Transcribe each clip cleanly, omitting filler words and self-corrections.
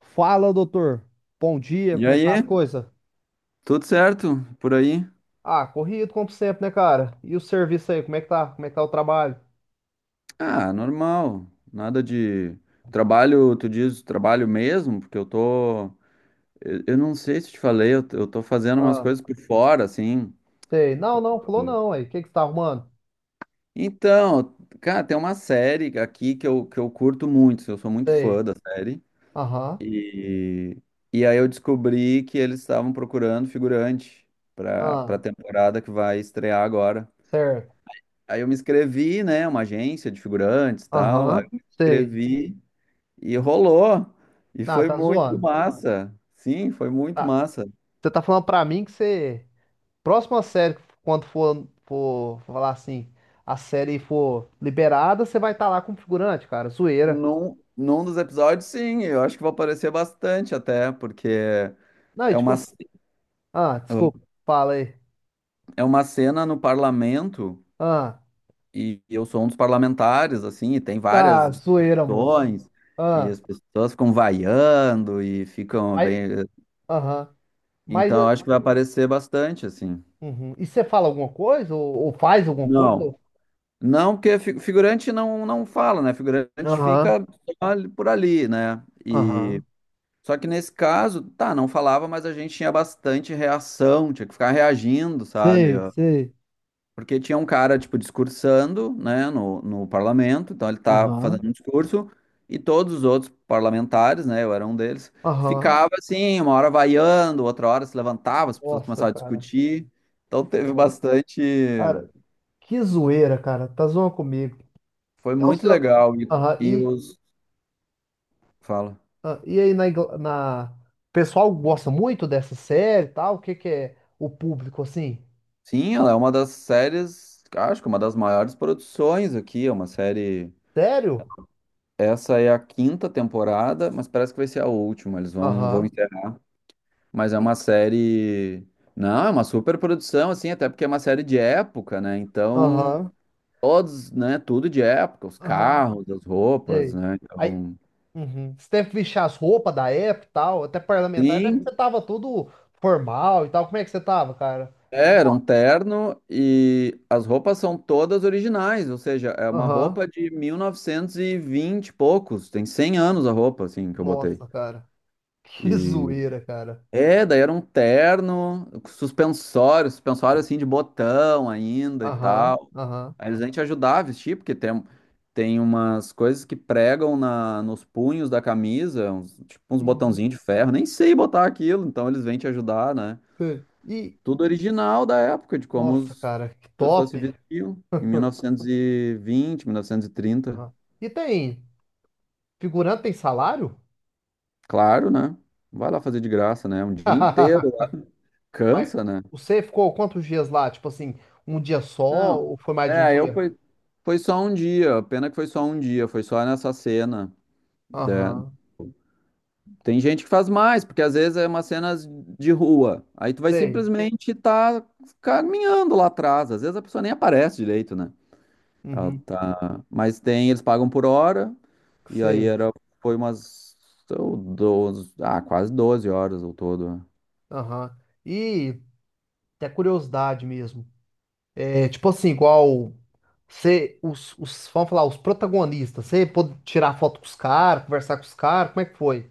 Fala, doutor. Bom dia, E como é que aí, tá as coisas? tudo certo por aí? Ah, corrido como sempre, né, cara? E o serviço aí, como é que tá? Como é que tá o trabalho? Ah, normal. Nada de trabalho, tu diz trabalho mesmo, porque eu tô. Eu não sei se te falei, eu tô fazendo umas Ah, coisas por fora, assim. sei. Não, falou não aí. O que que você tá arrumando? Então, cara, tem uma série aqui que eu curto muito, eu sou muito Sei. fã da série. Aham. E, e aí eu descobri que eles estavam procurando figurante pra Ah, temporada que vai estrear agora. certo. Aí eu me inscrevi, né? Uma agência de figurantes e tal. Aí eu Aham. me Sei. inscrevi. E rolou. E Ah, foi tá muito zoando. massa. Sim, foi muito Tá. massa. Você tá falando pra mim que você. Próxima série, quando for falar assim, a série for liberada, você vai estar lá com o figurante, cara. Zoeira. Num dos episódios, sim, eu acho que vai aparecer bastante até, porque Não, e é tipo. uma, Assim, ce- Ah, desculpa. Fala aí. é uma cena no parlamento, Ah. e eu sou um dos parlamentares, assim, e tem várias Da zoeira, moço. discussões, e Ah, as pessoas ficam vaiando e ficam mas, bem. aham. Mas, Então, eu acho que vai aparecer bastante, assim. uhum. E você fala alguma coisa? Ou faz alguma coisa? Ou- Não. Não, porque figurante não fala, né? Figurante Aham, fica só por ali, né? aham. Só que nesse caso, tá, não falava, mas a gente tinha bastante reação, tinha que ficar reagindo, sabe? Sei, Ah, sei. porque tinha um cara, tipo, discursando, né, no parlamento, então ele tá Aham, fazendo um discurso, e todos os outros parlamentares, né, eu era um deles, aham. ficava assim, uma hora vaiando, outra hora se levantava, as pessoas Nossa, começavam a cara. discutir. Então teve Nossa. bastante. Cara, que zoeira, cara. Tá zoando comigo. Foi Tá o muito seu... legal. Aham. E E, os. Fala. ah, e aí, na, Ingl- na... O pessoal gosta muito dessa série e tal? O que que é o público, assim? Sim, ela é uma das séries, acho que uma das maiores produções aqui, é uma série. Sério? Essa é a quinta temporada, mas parece que vai ser a última. Eles vão Aham. encerrar. Mas é E- uma série. Não, é uma super produção, assim, até porque é uma série de época, né? Então, Aham, todos, né? Tudo de época, os aham. carros, as roupas, Sei. né? Então. Uhum. Você deve vestir as roupas da época e tal, até parlamentar, deve que Sim, você tava todo formal e tal. Como é que você tava, cara? é, era um Nossa, terno e as roupas são todas originais, ou seja, é uma aham. roupa de 1920 e vinte e poucos, tem 100 anos a roupa, assim, que eu botei. Nossa, cara. Que E zoeira, cara. É, daí era um terno, suspensório, suspensório assim de botão ainda e Aham, tal. aham. Aí eles vêm te ajudar a vestir, porque tem umas coisas que pregam na, nos punhos da camisa, uns- tipo uns Uhum. botãozinhos de ferro, nem sei botar aquilo, então eles vêm te ajudar, né? Sei. E, Tudo original da época, de como nossa, as cara, que pessoas se top. vestiam em 1920, 1930. Aham. E tem, figurante tem salário? Claro, né? Vai lá fazer de graça, né? Um dia inteiro. Mas Cansa, né? você ficou quantos dias lá? Tipo assim, um dia só Não. ou foi mais de um É, eu dia? foi, foi só um dia. Pena que foi só um dia, foi só nessa cena. Né? Aham, Tem gente que faz mais, porque às vezes é uma cenas de rua. Aí tu vai sei. simplesmente estar caminhando lá atrás. Às vezes a pessoa nem aparece direito, né? Ela Uhum. tá... Mas tem, eles pagam por hora, e aí Sei. era, foi umas ou 12, quase 12 horas ao todo. Né? Aham. E até curiosidade mesmo. É, tipo assim, igual você, os, vamos falar, os protagonistas, você pôde tirar foto com os caras, conversar com os caras, como é que foi?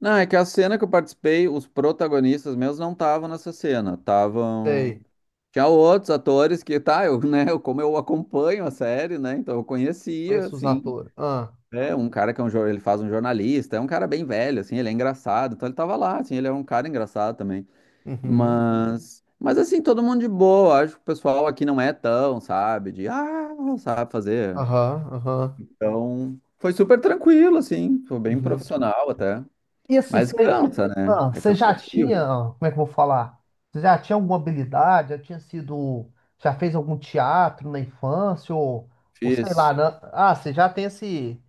Não, é que a cena que eu participei, os protagonistas meus não estavam nessa cena, estavam. Sei, Tinha outros atores que, tá, eu, né, eu, como eu acompanho a série, né, então eu conhecia, conheço os assim, atores. Ah, é um cara que é um, ele faz um jornalista, é um cara bem velho, assim, ele é engraçado, então ele tava lá, assim, ele é um cara engraçado também, uhum, mas assim, todo mundo de boa, acho que o pessoal aqui não é tão, sabe, de, ah, não sabe fazer, aham, então foi super tranquilo, assim, foi bem uhum. profissional até, E assim, mas você, cansa, né, ah, é você já cansativo, tinha, ah, como é que eu vou falar? Você já tinha alguma habilidade, já tinha sido, já fez algum teatro na infância, ou sei lá, difícil. né? Ah, você já tem esse,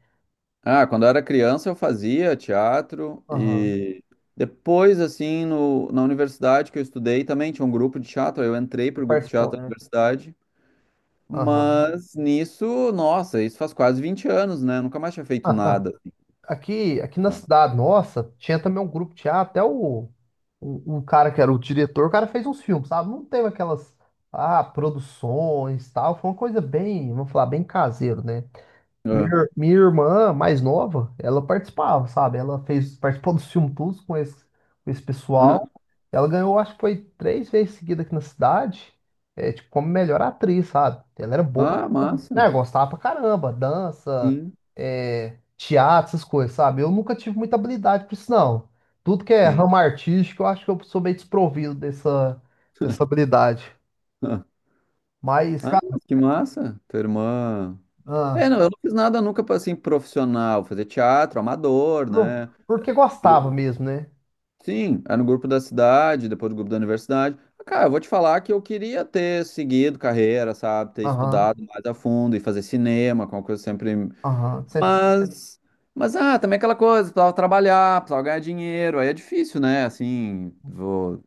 Ah, quando eu era criança eu fazia teatro aham, e depois, assim, no, na universidade que eu estudei também tinha um grupo de teatro, aí eu entrei Você para o grupo de teatro participou, da né? universidade, Aham. mas nisso, nossa, isso faz quase 20 anos, né? Eu nunca mais tinha feito nada. Aqui na cidade nossa, tinha também um grupo de teatro, até o, o cara que era o diretor, o cara fez uns filmes, sabe? Não teve aquelas, ah, produções, tal, foi uma coisa bem, vamos falar, bem caseiro, né? Minha, Ah, ir- minha irmã mais nova, ela participava, sabe? Ela fez, participou do filme Tudo com esse ah, pessoal. Ela ganhou, acho que foi três vezes seguida aqui na cidade, é, tipo, como melhor atriz, sabe? Ela era boa pra ah, caramba. Né, massa. gostava pra caramba, dança, Sim, é, teatro, essas coisas, sabe? Eu nunca tive muita habilidade pra isso, não. Tudo que é sim. ramo artístico, eu acho que eu sou meio desprovido dessa, dessa habilidade. Ah, Mas, ah, cara, mas que massa, tua irmã. ah, É, não, eu não fiz nada nunca para assim profissional, fazer teatro amador, por- né? porque Gru- gostava mesmo, né? Sim, é no grupo da cidade, depois do grupo da universidade. Ah, cara, eu vou te falar que eu queria ter seguido carreira, sabe? Ter Aham. estudado mais a fundo e fazer cinema, com uma coisa sempre. Aham, você- Mas, mas, também aquela coisa, precisava trabalhar, precisava ganhar dinheiro, aí é difícil, né? Assim, vou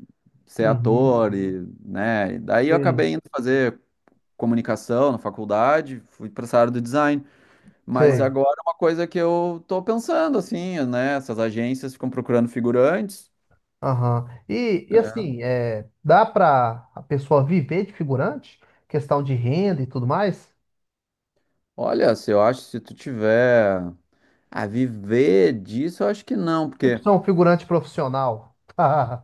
ser uhum, ator e, né? E daí eu sei, acabei indo fazer comunicação na faculdade, fui para essa área do design. Mas sei. agora é uma coisa que eu tô pensando, assim, né? Essas agências ficam procurando figurantes. Aham. E assim, é, dá para a pessoa viver de figurante? Questão de renda e tudo mais? Olha, se eu acho, se tu tiver a viver disso, eu acho que não, Tipo, porque. ser um figurante profissional.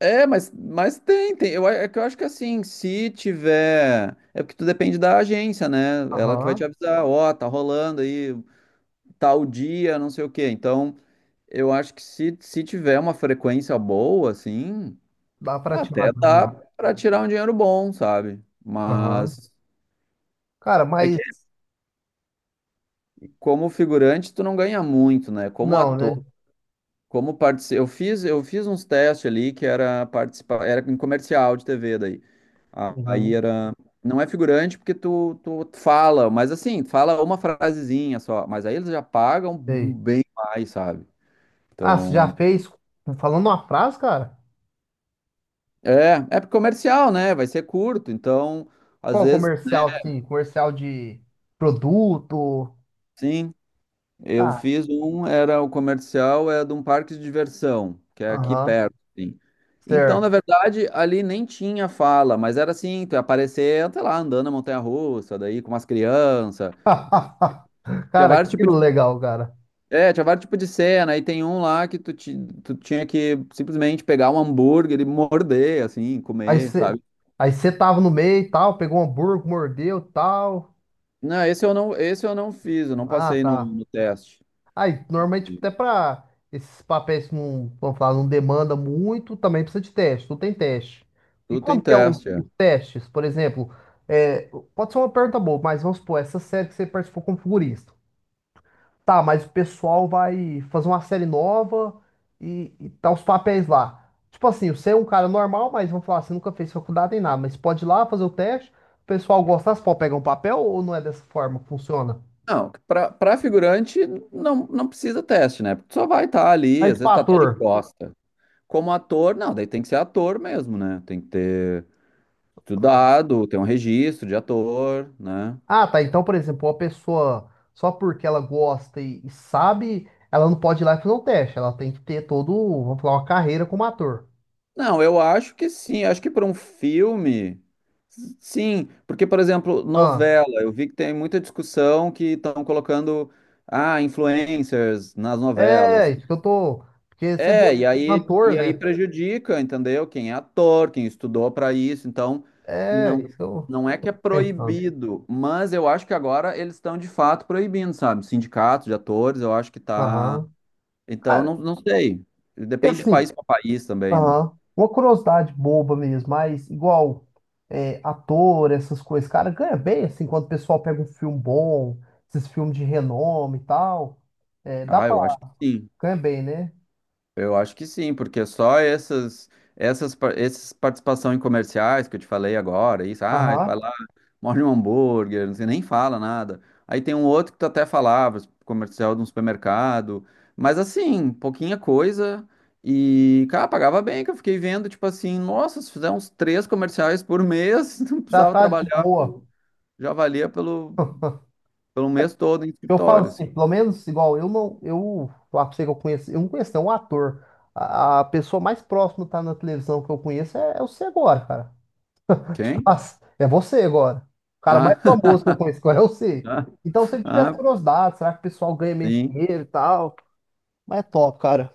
É, mas tem. Eu, a- é que eu acho que assim, se tiver. É porque tu depende da agência, né? Ela que vai te Aham, avisar, ó, tá rolando aí tal dia, não sei o quê. Então, eu acho que se tiver uma frequência boa, assim, dá para tirar até dá ganho. pra tirar um dinheiro bom, sabe? Aham. Mas Cara, é mas que como figurante, tu não ganha muito, né? Como não, ator. né? Como partici... eu fiz uns testes ali que era participar, era em comercial de TV daí. Aí Uhum, era, não é figurante porque tu fala, mas assim, fala uma frasezinha só, mas aí eles já pagam sei. bem mais, sabe? Ah, você Então, já fez, falando uma frase, cara? é comercial, né? Vai ser curto, então, às Qual vezes, comercial, assim, comercial de produto? sim. Eu Tá, fiz um, era o comercial, é de um parque de diversão, que é aqui aham, perto, assim. Então, na certo. verdade, ali nem tinha fala, mas era assim, tu ia aparecer, sei lá, andando na montanha-russa, daí com umas crianças. Tinha Cara, vários que tipos de, legal, cara. é, tinha vários tipos de cena, e tem um lá que tu tinha que simplesmente pegar um hambúrguer e morder, assim, Aí comer, você sabe? aí você tava no meio e tal, pegou um hambúrguer, mordeu tal. Não, esse eu não fiz, eu não Ah, passei no, tá. no teste. Aí, normalmente, até pra esses papéis que não, vamos falar, não demanda muito, também precisa de teste, tu tem teste. E Tudo tem como que é o- teste, é. os testes? Por exemplo, é, pode ser uma pergunta boa, mas vamos supor, essa série que você participou como figurista. Tá, mas o pessoal vai fazer uma série nova e tá os papéis lá. Tipo assim, você é um cara normal, mas vamos falar, você nunca fez faculdade nem nada, mas pode ir lá fazer o teste. O pessoal gosta você pode pegar um papel ou não é dessa forma que funciona? Não, pra figurante não precisa teste, né? Porque tu só vai estar ali, Mas às tipo vezes tu tá até de ator. costa. Como ator, não, daí tem que ser ator mesmo, né? Tem que ter estudado, ter um registro de ator, né? Ah, tá. Então, por exemplo, uma pessoa, só porque ela gosta e sabe, ela não pode ir lá e fazer um teste. Ela tem que ter todo, vamos falar, uma carreira como ator. Não, eu acho que sim, acho que para um filme, sim. Porque, por exemplo, Ah, novela, eu vi que tem muita discussão que estão colocando, ah, influencers nas é, novelas. isso que eu tô. Porque você é meio É, e aí, cantor, e aí né? prejudica, entendeu? Quem é ator, quem estudou para isso. Então, É, não, isso que eu não é que é tô pensando. proibido, mas eu acho que agora eles estão de fato proibindo, sabe? Sindicatos de atores, eu acho que tá. Aham. Então, Cara, não sei. e Depende de assim, país para país também, né? aham. Uma curiosidade boba mesmo, mas igual é, ator, essas coisas, cara, ganha bem assim quando o pessoal pega um filme bom, esses filmes de renome e tal. É, dá Ah, pra. eu acho que sim. Ganha bem, né? Eu acho que sim, porque só essas participação em comerciais que eu te falei agora, isso, ah, vai Aham. lá morde um hambúrguer, você nem fala nada. Aí tem um outro que tu até falava, comercial de um supermercado, mas assim, pouquinha coisa. E, cara, pagava bem, que eu fiquei vendo, tipo assim, nossa, se fizer uns três comerciais por mês, não Já precisava tá de trabalhar, boa. já valia pelo, pelo mês todo em Eu falo escritório, assim. assim, pelo menos igual eu não. Eu falar pra você que eu conheço. Eu não conheço, não, um ator. A pessoa mais próxima que tá na televisão que eu conheço é, é você agora, cara. Quem? Nossa, é você agora. O cara mais Ah, famoso que eu conheço agora é você. ah, Então, se ele tivesse ah, curiosidade, será que o pessoal ganha mesmo sim. dinheiro e tal? Mas é top, cara.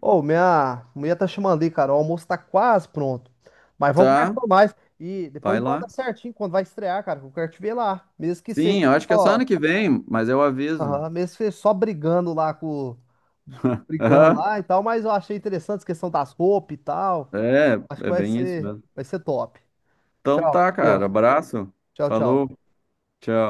Ô, minha mulher tá chamando ali, cara. O almoço tá quase pronto. Mas vamos Tá, conversar mais. E depois vai me manda lá. certinho quando vai estrear, cara. Que eu quero te ver lá. Mesmo que seja Sim, eu acho que é só ano só, que vem, mas eu aviso. aham, mesmo que seja só brigando lá com. Brigando Aham, lá e tal. Mas eu achei interessante a questão das roupas e tal. É, Acho que é bem isso mesmo. vai ser top. Então Tchau, tá, com cara. Deus. Abraço. Tchau, Falou. tchau. Tchau.